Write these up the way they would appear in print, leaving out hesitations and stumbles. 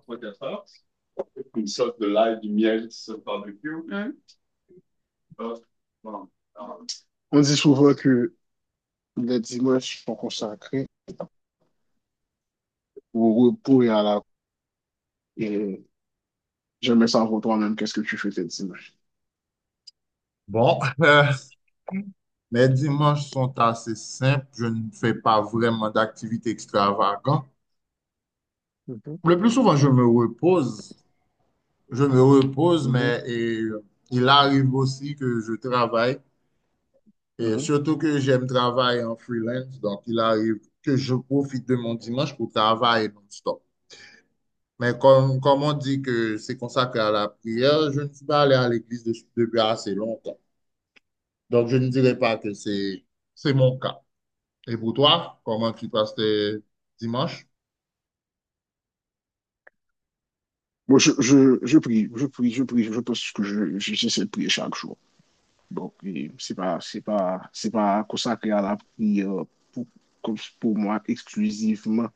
3-4 heures. Une sorte de live du miel sur le barbecue. Hop, bon, alors, on dit souvent que les dimanches sont consacrés au repos et à la... Et j'aimerais savoir toi-même qu'est-ce que tu fais tes dimanches. Bon, mes dimanches sont assez simples. Je ne fais pas vraiment d'activités extravagantes. Mhm, Le plus souvent, je me repose. Je me repose, mhm, mais et il arrive aussi que je travaille. Et mhm. surtout que j'aime travailler en freelance. Donc, il arrive que je profite de mon dimanche pour travailler non-stop. Mais comme on dit que c'est consacré à la prière, je ne suis pas allé à l'église depuis assez longtemps. Donc, je ne dirais pas que c'est mon cas. Et pour toi, comment tu passes tes dimanches? Moi, je prie, je prie. Je pense que j'essaie de prier chaque jour. Donc c'est pas consacré à la prière pour, comme pour moi exclusivement,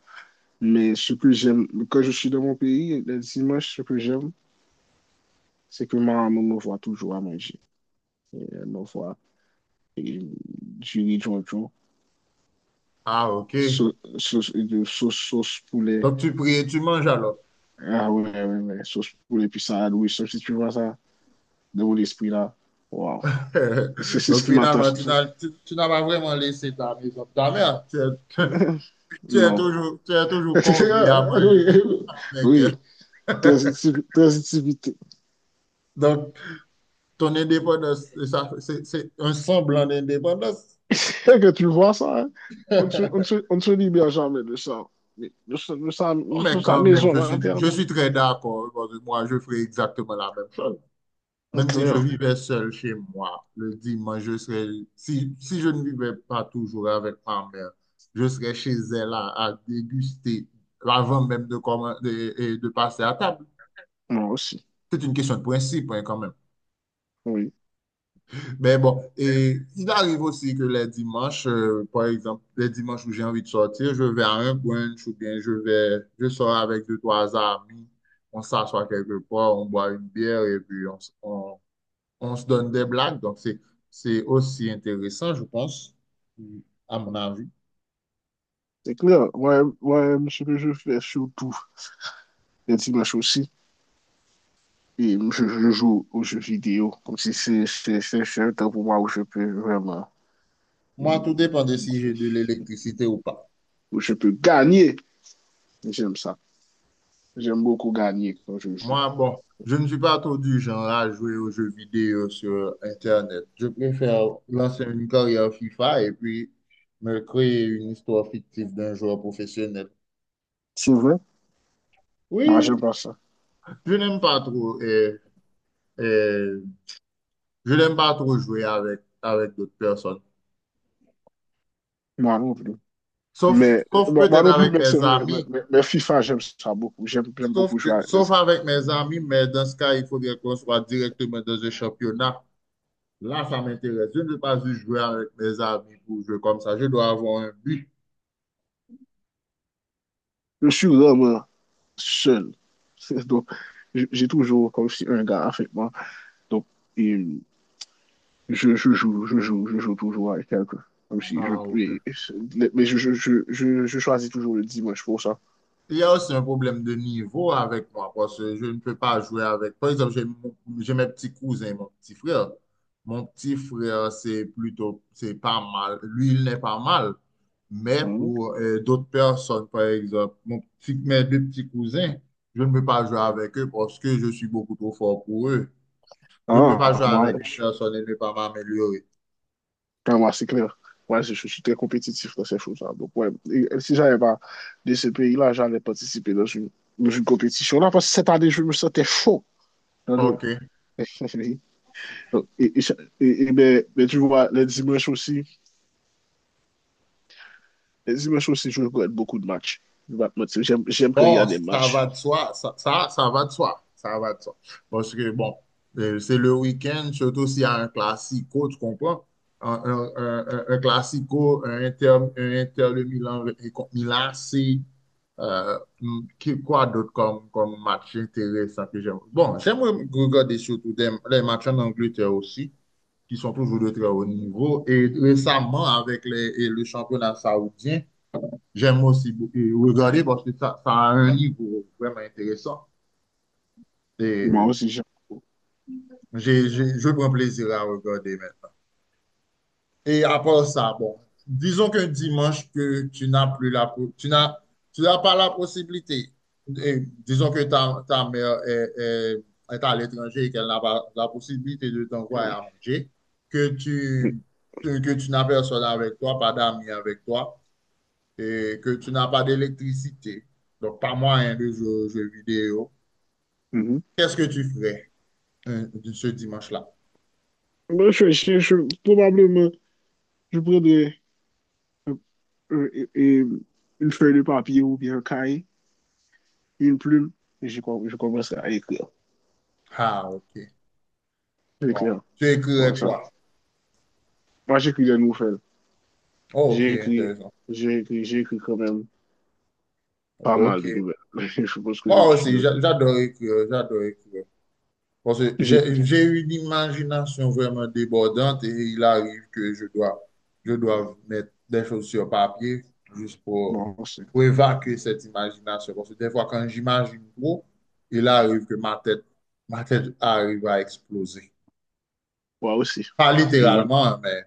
mais ce que j'aime quand je suis dans mon pays, le dimanche, se ke jem, se ke ma maman me voit toujou manger manje. Elle me voit et du jiri jonjon, Ah, ok. Sauce de sauce, sauce poulet, Donc tu pries et tu manges alors. ah ouais, ouais, ouais, sauce poulet, puis ça, oui, sauf si tu vois ça, de mon esprit là, waouh, c'est c'est ce Donc qui finalement, m'attache. Tu n'as pas vraiment laissé ta maison de ta mère. Tu es, Non. Tu es toujours convié à manger Oui, avec oui. elle. Transitivité. Donc ton indépendance, ça, c'est un semblant d'indépendance. Tel que tu le vois, ça, hein, on ne se libère jamais de ça. Mais Non, nous mais sommes sa quand même, maison je interne. suis très d'accord, parce que moi, je ferai exactement la même chose. C'est Même si je clair. vivais seul chez moi, le dimanche, je serais, si je ne vivais pas toujours avec ma mère, je serais chez elle à déguster avant même de, commen- de, et de passer à table. Moi aussi. C'est une question de principe, hein, quand même. Oui. Mais bon, et il arrive aussi que les dimanches, par exemple, les dimanches où j'ai envie de sortir, je vais à un brunch ou bien je sors avec deux, trois amis, on s'assoit quelque part, on boit une bière et puis on se donne des blagues, donc c'est aussi intéressant, je pense, à mon avis. C'est clair. Ouais, ouais, ce que je fais surtout les dimanches aussi. Et je joue aux jeux vidéo. Comme si c'est un temps pour moi où je peux vraiment, Moi, tout dépend de si j'ai de l'électricité ou pas. où je peux gagner. J'aime ça. J'aime beaucoup gagner quand je joue. Moi, bon, je ne suis pas trop du genre à jouer aux jeux vidéo sur Internet. Je préfère lancer une carrière FIFA et puis me créer une histoire fictive d'un joueur professionnel. C'est vrai? Moi, Oui, j'aime pas ça. je n'aime pas trop et, je n'aime pas trop jouer avec, avec d'autres personnes. Moi non plus. Sauf, Mais sauf moi peut-être non plus, avec mes amis. Mais FIFA, j'aime ça beaucoup. J'aime beaucoup jouer avec Sauf ça. avec mes amis, mais dans ce cas, il faudrait qu'on soit directement dans un championnat. Là, ça m'intéresse. Je ne veux pas juste jouer avec mes amis pour jouer comme ça. Je dois avoir un but. Je suis vraiment seul. Donc, j'ai toujours comme si un gars avec moi. Donc, et je joue toujours avec quelqu'un. Comme si je, Ah, ok. mais je choisis toujours le dimanche pour ça. Il y a aussi un problème de niveau avec moi parce que je ne peux pas jouer avec. Par exemple, j'ai mes petits cousins, mon petit frère. Mon petit frère, c'est pas mal. Lui, il n'est pas mal. Mais Mhm. pour d'autres personnes, par exemple, mes deux petits cousins, je ne peux pas jouer avec eux parce que je suis beaucoup trop fort pour eux. Je ne peux Hein, pas jouer moi, avec une personne et ne pas m'améliorer. pour moi c'est clair. Ouais, je suis très compétitif dans ces choses-là. Donc, ouais, et si j'avais pas de ce pays-là, j'allais participer dans une compétition-là parce que cette année, je me sentais chaud dans le. OK. Et, et, et ben, ben, tu vois, les dimanches aussi, je regarde beaucoup de matchs. Je vais pas te mentir. J'aime quand il y Bon, a des ça va matchs. de soi, ça va de soi, ça va de soi. Parce que, bon, c'est le week-end, surtout s'il y a un classico, tu comprends? Un classico, un Inter de Milan et contre Milan, c'est euh, quoi d'autre comme, comme match intéressant que j'aime? Bon, j'aime regarder surtout les matchs en Angleterre aussi, qui sont toujours de très haut niveau. Et récemment, avec les, et le championnat saoudien, j'aime aussi beaucoup regarder parce que ça a un niveau vraiment intéressant. Et Moi aussi, j'aime beaucoup. Je prends plaisir à regarder maintenant. Et à part ça, bon, disons qu'un dimanche que tu n'as plus la, po- tu n'as pas la possibilité. Et disons que ta mère est à l'étranger et qu'elle n'a pas la possibilité de t'envoyer à manger, que tu, que tu n'as personne avec toi, pas d'amis avec toi, et que tu n'as pas d'électricité. Donc, pas moyen de jouer aux jeux vidéo. Mhm. Qu'est-ce que tu ferais de ce dimanche-là? Moi, probablement, je prendrais euh, euh, et- une feuille de papier ou bien un cahier. Une plume, et je commence à écrire. Ah, ok. Bon, J'écrire. tu Voilà écrirais ça. quoi? Moi, j'écris des nouvelles. Oh, ok, J'ai écrit, intéressant. J'ai écrit quand même pas mal Ok. de nouvelles. Je pense que Moi je suis aussi, d'autres. J'adore écrire, j'adore écrire. Parce que J'écris. j'ai une imagination vraiment débordante et il arrive que je dois mettre des choses sur papier juste Moi aussi. pour évacuer cette imagination. Parce que des fois, quand j'imagine trop, il arrive que ma tête arrive à exploser. Moi aussi. Pas Et littéralement, mais...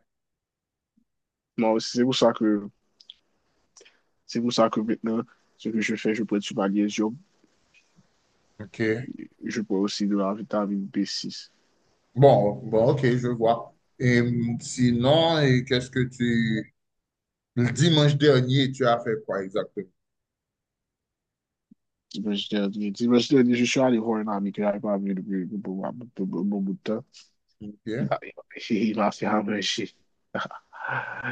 moi aussi, c'est pour ça que maintenant, ce que je fais, je prends du magnésium. Ok. Je prends aussi de la vitamine B6. Bon, bon, ok, je vois. Et sinon, et qu'est-ce que tu... Le dimanche dernier, tu as fait quoi exactement? Dimanche dernier, je suis allé voir un ami qui n'avait pas vu depuis un bon bout de temps. Il Ok. a- il m'a fait un manger.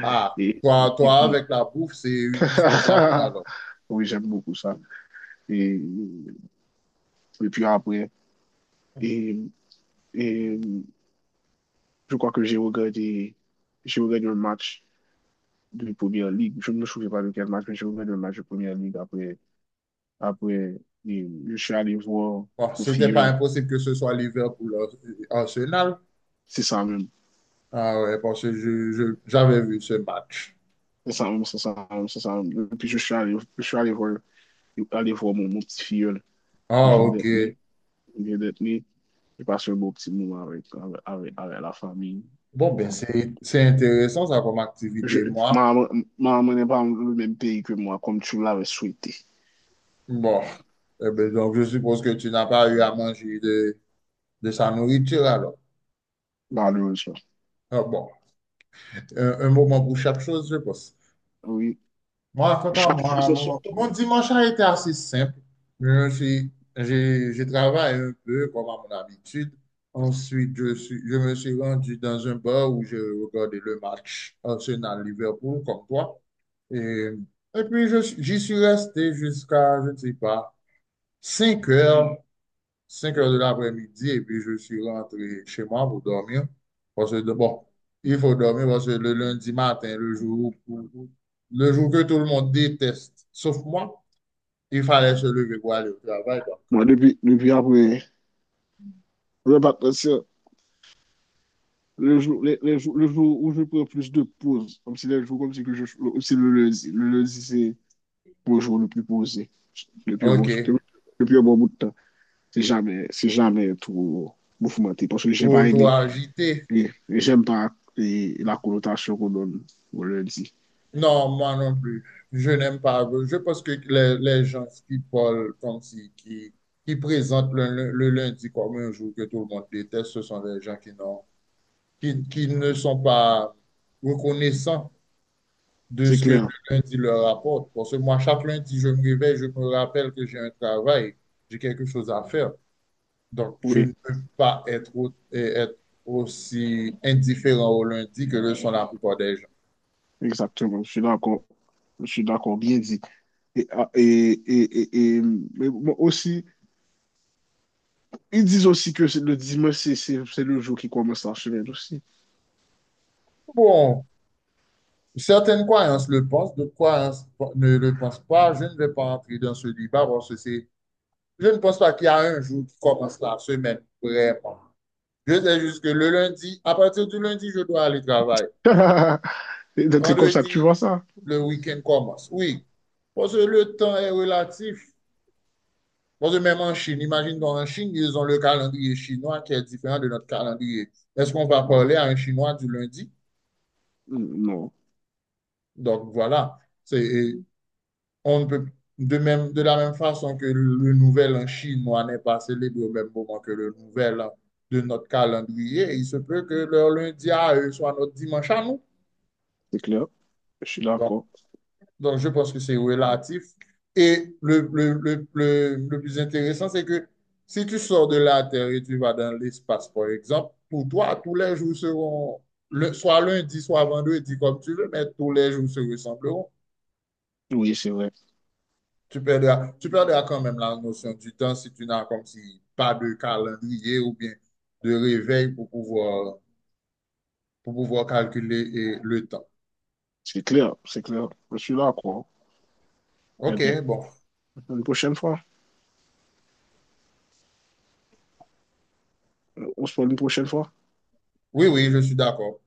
Ah, Et, et toi, puis, avec la bouffe, c'est une histoire d'amour alors. oui, j'aime beaucoup ça. Et, et puis après, et, et je crois que j'ai regardé un match de Première Ligue. Je ne me souviens pas de quel match, mais j'ai regardé un match de Première Ligue. Après, après, et je suis allé voir Bon, au c'était pas Filleul. impossible que ce soit Liverpool Arsenal. C'est ça même. Ah ouais, parce que j'avais vu ce match. C'est ça même. Et puis je suis allé voir mon petit Filleul. Il Ah, vient ok. d'être né. Il vient d'être né. J'ai passé un beau petit moment avec, avec la famille. Bon, ben, Bon, c'est intéressant ça comme je, activité, moi. ma maman n'est pas dans le même pays que moi, comme tu l'avais souhaité, Bon, eh ben, donc je suppose que tu n'as pas eu à manger de sa nourriture alors. malheureusement. Ah, bon. Un un moment pour chaque chose, je pense. Oui, Moi, quant à chaque chose moi, en son temps. mon dimanche a été assez simple. J'ai travaillé un peu comme à mon habitude. Ensuite, je me suis rendu dans un bar où je regardais le match Arsenal-Liverpool, comme toi. Et, et puis, j'y suis resté jusqu'à, je ne sais pas, 5 heures 5 heures de l'après-midi et puis je suis rentré chez moi pour dormir. Parce que, bon, il faut dormir parce que le lundi matin, le jour que tout le monde déteste, sauf moi, il fallait se lever pour aller au travail. Donc. Moi, depuis après, le bâtiment, le jour, les jours- le jour où je prends plus de pauses, comme si les jours, comme si, que je, comme si le lundi, le lundi, c'est le jour le plus posé, le plus bon, OK. le plus bon bout de temps. C'est jamais trop mouvementé, parce que j'ai Pour pas aimé, toi agiter. Et j'aime pas et la connotation qu'on donne au lundi. Non, moi non plus. Je n'aime pas. Je pense que les gens qui parlent comme si, qui présentent le lundi comme un jour que tout le monde déteste, ce sont des gens qui ne sont pas reconnaissants de C'est ce que le clair, lundi leur apporte. Parce que moi, chaque lundi, je me réveille, je me rappelle que j'ai un travail, j'ai quelque chose à faire. Donc, je ne oui. peux pas être, être aussi indifférent au lundi que le sont la plupart des gens. Exactement, je suis d'accord. Je suis d'accord, bien dit. Et, ah, et, et, et, et, mais bon, aussi, ils disent aussi que c'est le dimanche, c'est le jour qui commence la semaine aussi. Bon, certaines croyances le pensent, d'autres croyances ne le pensent pas. Je ne vais pas entrer dans ce débat parce que je ne pense pas qu'il y a un jour qui commence la semaine, vraiment. Je sais juste que le lundi, à partir du lundi, je dois aller travailler. Et donc, c'est comme ça que tu vois Vendredi, ça. le week-end commence. Oui, parce que le temps est relatif. Parce que même en Chine, imagine donc en Chine, ils ont le calendrier chinois qui est différent de notre calendrier. Est-ce qu'on va Mm, parler à un Chinois du lundi? non, Donc voilà, c'est, on ne peut de même, de la même façon que le nouvel en chinois n'est pas célébré au même moment que le nouvel an de notre calendrier, il se peut que leur lundi à eux soit notre dimanche à nous. c'est clair. Je suis Donc, d'accord. Donc, je pense que c'est relatif. Et le plus intéressant, c'est que si tu sors de la Terre et tu vas dans l'espace, par exemple, pour toi, tous les jours seront, soit lundi, soit vendredi, comme tu veux, mais tous les jours se ressembleront. Oui, c'est vrai. Tu perdras quand même la notion du temps si tu n'as comme si pas de calendrier ou bien de réveil pour pouvoir calculer eh, le temps. C'est clair, c'est clair. Je suis d'accord. Eh OK, bien, bon. une prochaine fois. On se parle une prochaine fois. Oui, oui, je suis d'accord.